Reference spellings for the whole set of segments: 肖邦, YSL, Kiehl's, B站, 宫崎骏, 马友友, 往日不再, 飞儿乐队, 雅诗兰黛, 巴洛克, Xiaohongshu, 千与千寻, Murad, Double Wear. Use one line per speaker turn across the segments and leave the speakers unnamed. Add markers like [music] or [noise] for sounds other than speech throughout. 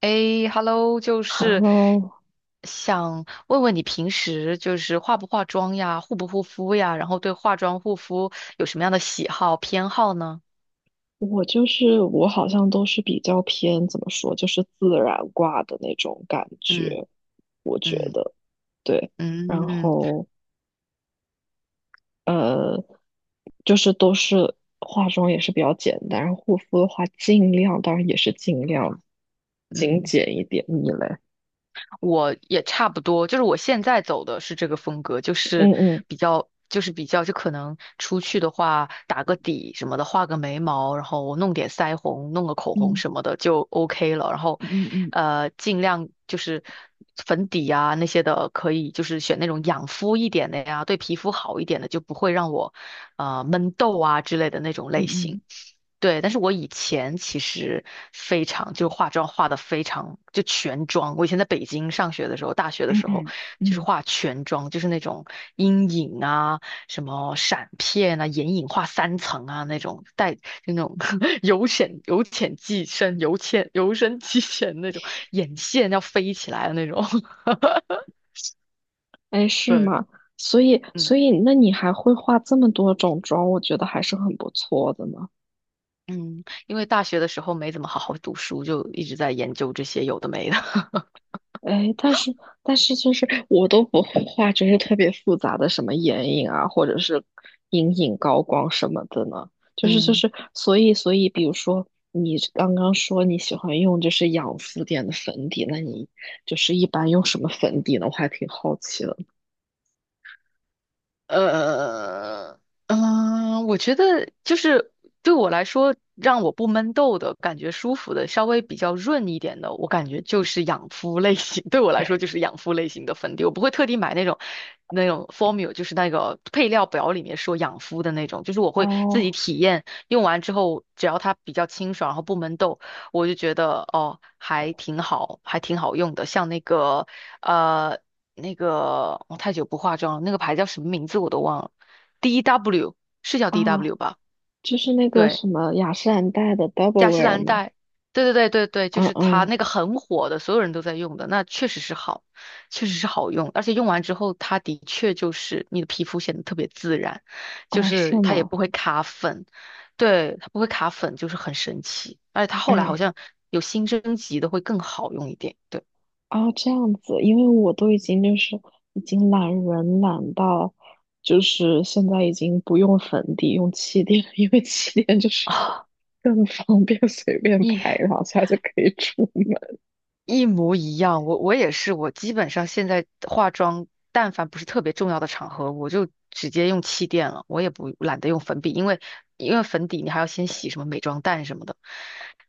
诶 h e l l o
然后
想问问你平时化不化妆呀，护不护肤呀，然后对化妆护肤有什么样的喜好偏好呢？
我就是我好像都是比较偏怎么说，就是自然挂的那种感
嗯
觉，我觉
嗯
得对。
嗯
然
嗯
后呃，就是都是化妆也是比较简单，然后护肤的话尽量，当然也是尽量精
嗯，
简一点。你嘞？
我也差不多，就是我现在走的是这个风格，就是
嗯嗯
比较，就是比较，就可能出去的话，打个底什么的，画个眉毛，然后我弄点腮红，弄个口红
嗯
什么的就 OK 了。然后，
嗯嗯
尽量就是粉底啊那些的，可以就是选那种养肤一点的呀，对皮肤好一点的，就不会让我闷痘啊之类的那种类型。
嗯
对，但是我以前其实非常，就化妆化的非常，就全妆。我以前在北京上学的时候，大学的
嗯
时候，
嗯
就是
嗯，
化全妆，就是那种阴影啊、什么闪片啊、眼影画三层啊那种，带就那种 [laughs] 由浅由深即浅那种，眼线要飞起来的那种。[laughs]
哎，是
对，
吗？所以
嗯
所以那你还会化这么多种妆，我觉得还是很不错的呢。
嗯，因为大学的时候没怎么好好读书，就一直在研究这些有的没的。[laughs]
哎，但是就是我都不会画，就是特别复杂的什么眼影啊，或者是阴影、高光什么的呢。就是就
嗯。
是，所以，比如说你刚刚说你喜欢用就是养肤点的粉底，那你就是一般用什么粉底呢？我还挺好奇的。
呃，我觉得就是对我来说，让我不闷痘的感觉舒服的，稍微比较润一点的，我感觉就是养肤类型。[laughs] 对我来说，就是养肤类型的粉底，我不会特地买那种formula，就是那个配料表里面说养肤的那种，就是我会自己
哦
体验，用完之后，只要它比较清爽，然后不闷痘，我就觉得哦，还挺好用的。像那个呃。那个我太久不化妆了，那个牌叫什么名字我都忘了，DW 是叫
啊，
DW 吧？
就是那个
对，
什么雅诗兰黛的 Double
雅诗
Wear
兰
吗？
黛，对，就
嗯
是它
嗯，
那个很火的，所有人都在用的，那确实是好，确实是好用，而且用完之后，它的确就是你的皮肤显得特别自然，就
哦，是
是它也
吗？
不会卡粉，对，它不会卡粉，就是很神奇，而且它后来好
哎。
像有新升级的会更好用一点，对
哦，这样子，因为我都已经就是已经懒人懒到，就是现在已经不用粉底，用气垫，[laughs] 因为气垫就是
啊，
更方便，随
[laughs]
便拍
耶
两下就可以出门。
一模一样，我也是，我基本上现在化妆，但凡不是特别重要的场合，我就直接用气垫了，我也不懒得用粉笔，因为粉底你还要先洗什么美妆蛋什么的，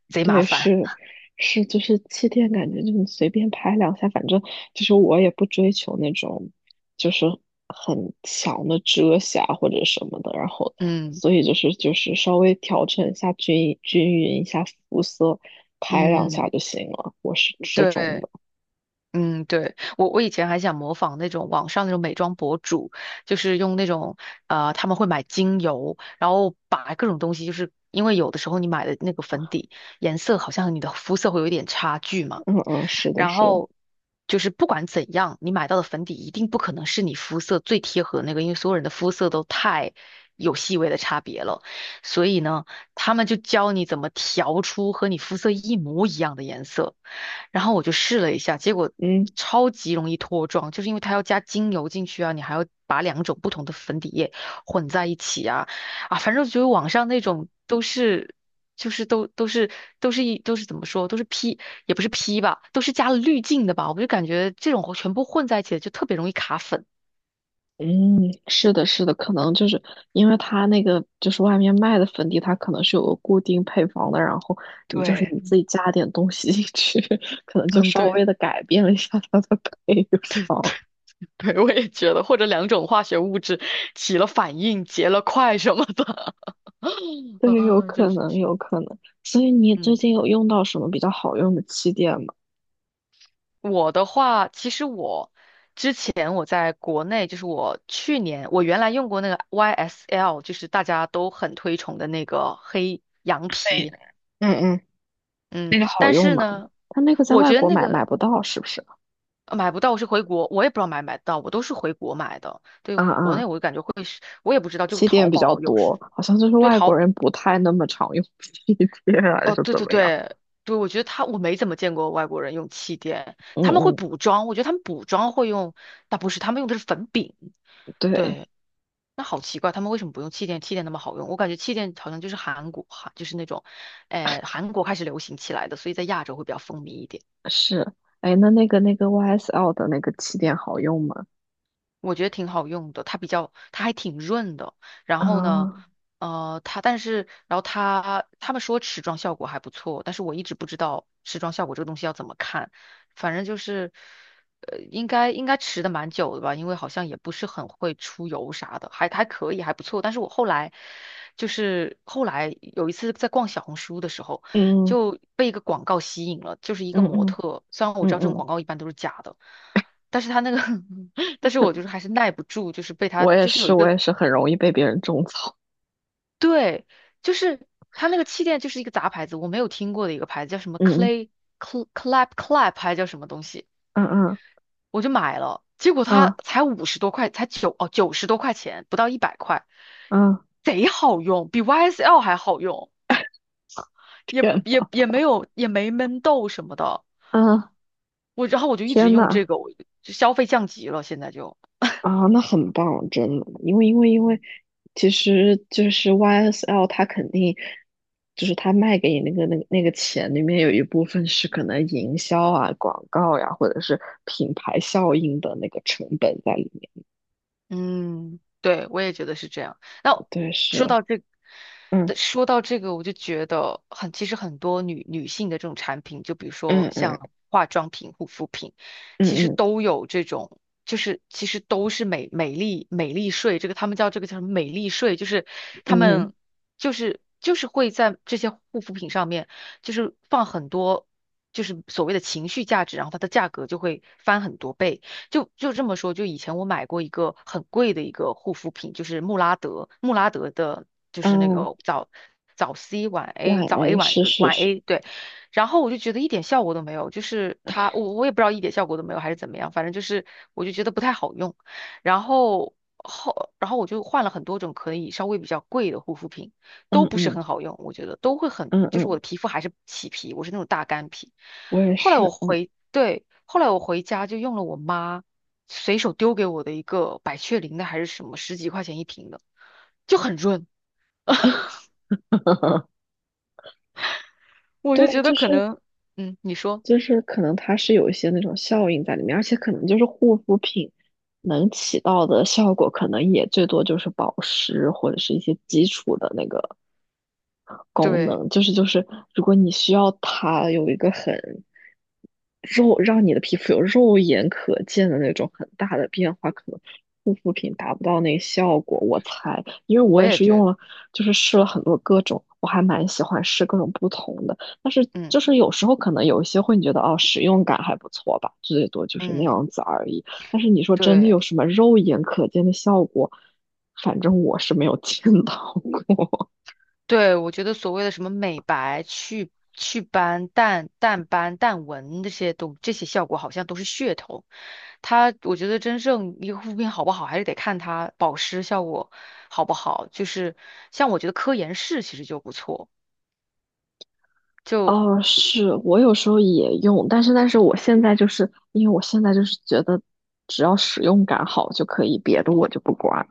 贼麻
对，
烦。
是是，就是气垫，感觉就你随便拍两下，反正就是我也不追求那种就是很强的遮瑕或者什么的，然后
嗯
所以就是稍微调整一下均匀一下肤色，拍两下
嗯，
就行了。我是这种
对，
的，
嗯对，我以前还想模仿那种网上那种美妆博主，就是用那种他们会买精油，然后把各种东西，就是因为有的时候你买的那个粉底颜色好像和你的肤色会有一点差距嘛。
嗯嗯，是的，
然
是的，
后就是不管怎样，你买到的粉底一定不可能是你肤色最贴合的那个，因为所有人的肤色都太有细微的差别了。所以呢，他们就教你怎么调出和你肤色一模一样的颜色。然后我就试了一下，结果
嗯。
超级容易脱妆，就是因为它要加精油进去啊，你还要把两种不同的粉底液混在一起啊，啊，反正就是网上那种都是。就是都都是怎么说，都是 P 也不是 P 吧，都是加了滤镜的吧，我就感觉这种全部混在一起的就特别容易卡粉。
嗯，是的，是的，可能就是因为它那个就是外面卖的粉底，它可能是有个固定配方的，然后你就是
对，
你自己加点东西进去，[laughs] 可能就
嗯，
稍
对。
微的改变了一下它的配方。
[laughs] 对，我也觉得，或者两种化学物质起了反应，结了块什么的。[laughs]
对，有
嗯，真
可
是，
能，有可能。所以你最
嗯，
近有用到什么比较好用的气垫吗？
我的话，其实我之前我在国内，就是我去年我原来用过那个 YSL，就是大家都很推崇的那个黑羊
对，
皮，
嗯嗯，
嗯，
那个好
但
用
是
吗？
呢，
它那个在
我
外
觉得
国
那
买
个
买不到，是不是？
买不到我是回国，我也不知道买不买得到，我都是回国买的。对，
啊
国内
啊，
我就感觉会是，我也不知道，就
气
淘
垫比较
宝有时
多，好像就是
对
外国
淘，
人不太那么常用 [laughs] 气垫啊，还是
哦，对
怎
对
么样？
对对，我觉得他我没怎么见过外国人用气垫，
嗯
他们会
嗯。
补妆，我觉得他们补妆会用，但不是，他们用的是粉饼。
对，
对，那好奇怪，他们为什么不用气垫？气垫那么好用，我感觉气垫好像就是韩国，韩就是那种，呃，韩国开始流行起来的，所以在亚洲会比较风靡一点。
是，哎，那个 YSL 的那个气垫好用吗？
我觉得挺好用的，它比较，它还挺润的。然
啊，
后呢，呃，它但是，然后它他们说持妆效果还不错，但是我一直不知道持妆效果这个东西要怎么看。反正就是，呃，应该持的蛮久的吧，因为好像也不是很会出油啥的，还可以，还不错。但是我后来后来有一次在逛小红书的时候，
嗯
就被一个广告吸引了，就是一个
嗯嗯
模
嗯
特，虽然我知
嗯，
道这种
嗯，
广告一般都是假的。但是他那个 [laughs] 但是我就是还是耐不住，就是被他
我也
就是有
是，
一
我
个
也是很容易被别人种草。
对，就是他那个气垫就是一个杂牌子，我没有听过的一个牌子叫什么
嗯
Clay Clap Clap 还叫什么东西，
嗯嗯
我就买了，结果它
嗯
才五十多块，才九十多块钱，不到一百块，
嗯嗯
贼好用，比 YSL 还好用，也
天，
也也没有没闷痘什么的，
啊
然后我就一直
天
用
呐，
这个，我就消费降级了，现在就。
啊，那很棒，真的，因为，其实就是 YSL 它肯定就是它卖给你那个钱里面有一部分是可能营销啊、广告呀、或者是品牌效应的那个成本在里面。
嗯，对，我也觉得是这样。那
对，
说
是，
到这，
嗯
对说到这个，我就觉得很，其实很多女性的这种产品，就比如说
嗯嗯
像化妆品、护肤品，其实
嗯
都有这种，就是其实都是美丽税，这个他们叫这个叫什么美丽税，就是他
嗯
们就是就是会在这些护肤品上面，就是放很多。就是所谓的情绪价值，然后它的价格就会翻很多倍。就就这么说，就以前我买过一个很贵的一个护肤品，就是穆拉德，穆拉德的，就
嗯，
是那个
哦，
早 C 晚 A，
晚
早 A
A 是是
晚
是，
A，对。然后我就觉得一点效果都没有，就是它，我也不知道一点效果都没有还是怎么样，反正就是我就觉得不太好用。然后后，然后我就换了很多种可以稍微比较贵的护肤品，
嗯
都不是
嗯
很好用，我觉得都会很，
嗯
就是我
嗯，
的皮肤还是起皮，我是那种大干皮。
我也
后来我
是，嗯，
回，对，后来我回家就用了我妈随手丢给我的一个百雀羚的还是什么，十几块钱一瓶的，就很润。[laughs]
[laughs]
我就
对，
觉得
就
可
是
能，嗯，你说，
就是可能它是有一些那种效应在里面，而且可能就是护肤品能起到的效果，可能也最多就是保湿或者是一些基础的那个。功
对，
能，就是，如果你需要它有一个很肉，让你的皮肤有肉眼可见的那种很大的变化，可能护肤品达不到那个效果。我猜，因为
我
我也
也
是
觉
用
得，
了，就是试了很多各种，我还蛮喜欢试各种不同的。但是
嗯
就是有时候可能有一些会你觉得哦，使用感还不错吧，最多就是那
嗯，
样子而已。但是你说真的有
对。
什么肉眼可见的效果，反正我是没有 [laughs] 见到过。
对，我觉得所谓的什么美白、祛斑、淡斑、淡纹这些效果，好像都是噱头。它，我觉得真正一个护肤品好不好，还是得看它保湿效果好不好。就是像我觉得科颜氏其实就不错，就
哦，是我有时候也用，但是我现在就是因为我现在就是觉得只要使用感好就可以，别的我就不管。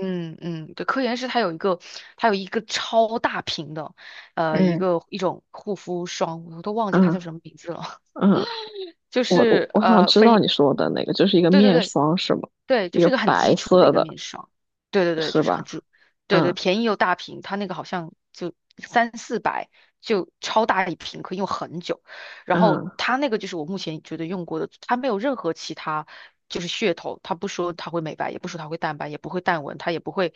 嗯嗯，对，科颜氏它有一个超大瓶的，呃，
嗯，
一种护肤霜，我都忘记它
嗯
叫什么名字了，
嗯，
[laughs] 就
我我
是
我想
呃
知道
非。
你说的那个，就是一个
对对
面
对，
霜是吗？
对，就
一
是
个
一个很基
白
础的一
色
个
的
面霜。对对对，
是
就是很
吧？
基，对对，
嗯
便宜又大瓶，它那个好像就三四百，就超大一瓶，可以用很久。然后
嗯
它那个就是我目前觉得用过的，它没有任何其他就是噱头，它不说它会美白，也不说它会淡斑，也不会淡纹，它也不会，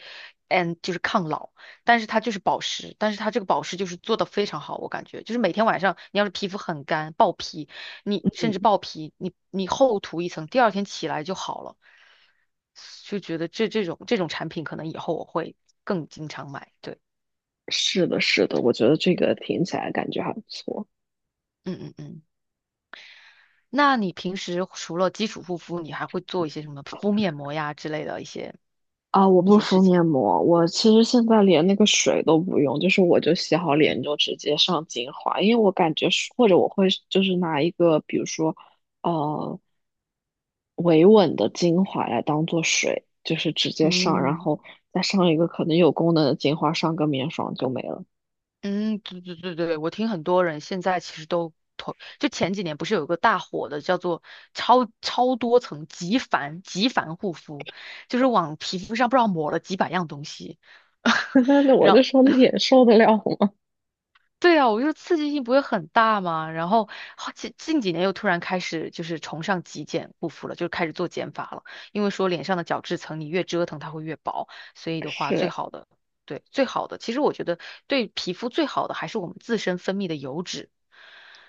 嗯，就是抗老，但是它就是保湿，但是它这个保湿就是做的非常好，我感觉就是每天晚上你要是皮肤很干爆皮，你甚至
嗯，
爆皮，你厚涂一层，第二天起来就好了。就觉得这种产品可能以后我会更经常买。对，
是的，是的，我觉得这个听起来感觉还不错。
嗯嗯嗯。那你平时除了基础护肤，你还会做一些什么敷面膜呀之类的
啊，我
一
不
些事
敷
情？
面膜，我其实现在连那个水都不用，就是我就洗好脸就直接上精华，因为我感觉是或者我会就是拿一个比如说呃维稳的精华来当做水，就是直接上，然
嗯。
后再上一个可能有功能的精华，上个面霜就没了。
嗯，对，我听很多人现在其实都投，就前几年不是有个大火的叫做超多层极繁护肤，就是往皮肤上不知道抹了几百样东西，
[laughs] 但是
[laughs]
我就
让。
说脸受得了吗？
对啊，我就说刺激性不会很大嘛。然后好近几年又突然开始就是崇尚极简护肤了，就开始做减法了。因为说脸上的角质层你越折腾它会越薄，所以
[laughs]
的话最
是，
好的，对，最好的，其实我觉得对皮肤最好的还是我们自身分泌的油脂。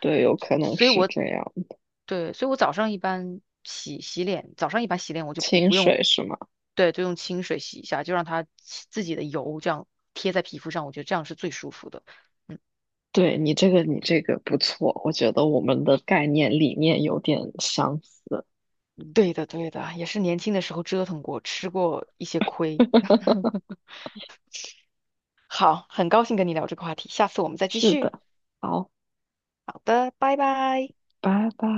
对，有可能
所以
是
我
这样，
对，所以我早上一般洗脸，早上一般洗脸我就
清
不用，
水是吗？
对，就用清水洗一下，就让它自己的油这样贴在皮肤上，我觉得这样是最舒服的。嗯。
对你这个，你这个不错，我觉得我们的概念理念有点相似。
对的，对的，也是年轻的时候折腾过，吃过一些亏。
[laughs]
好，很高兴跟你聊这个话题，下次我们再继
是
续。
的，好，
好的，拜拜。
拜拜。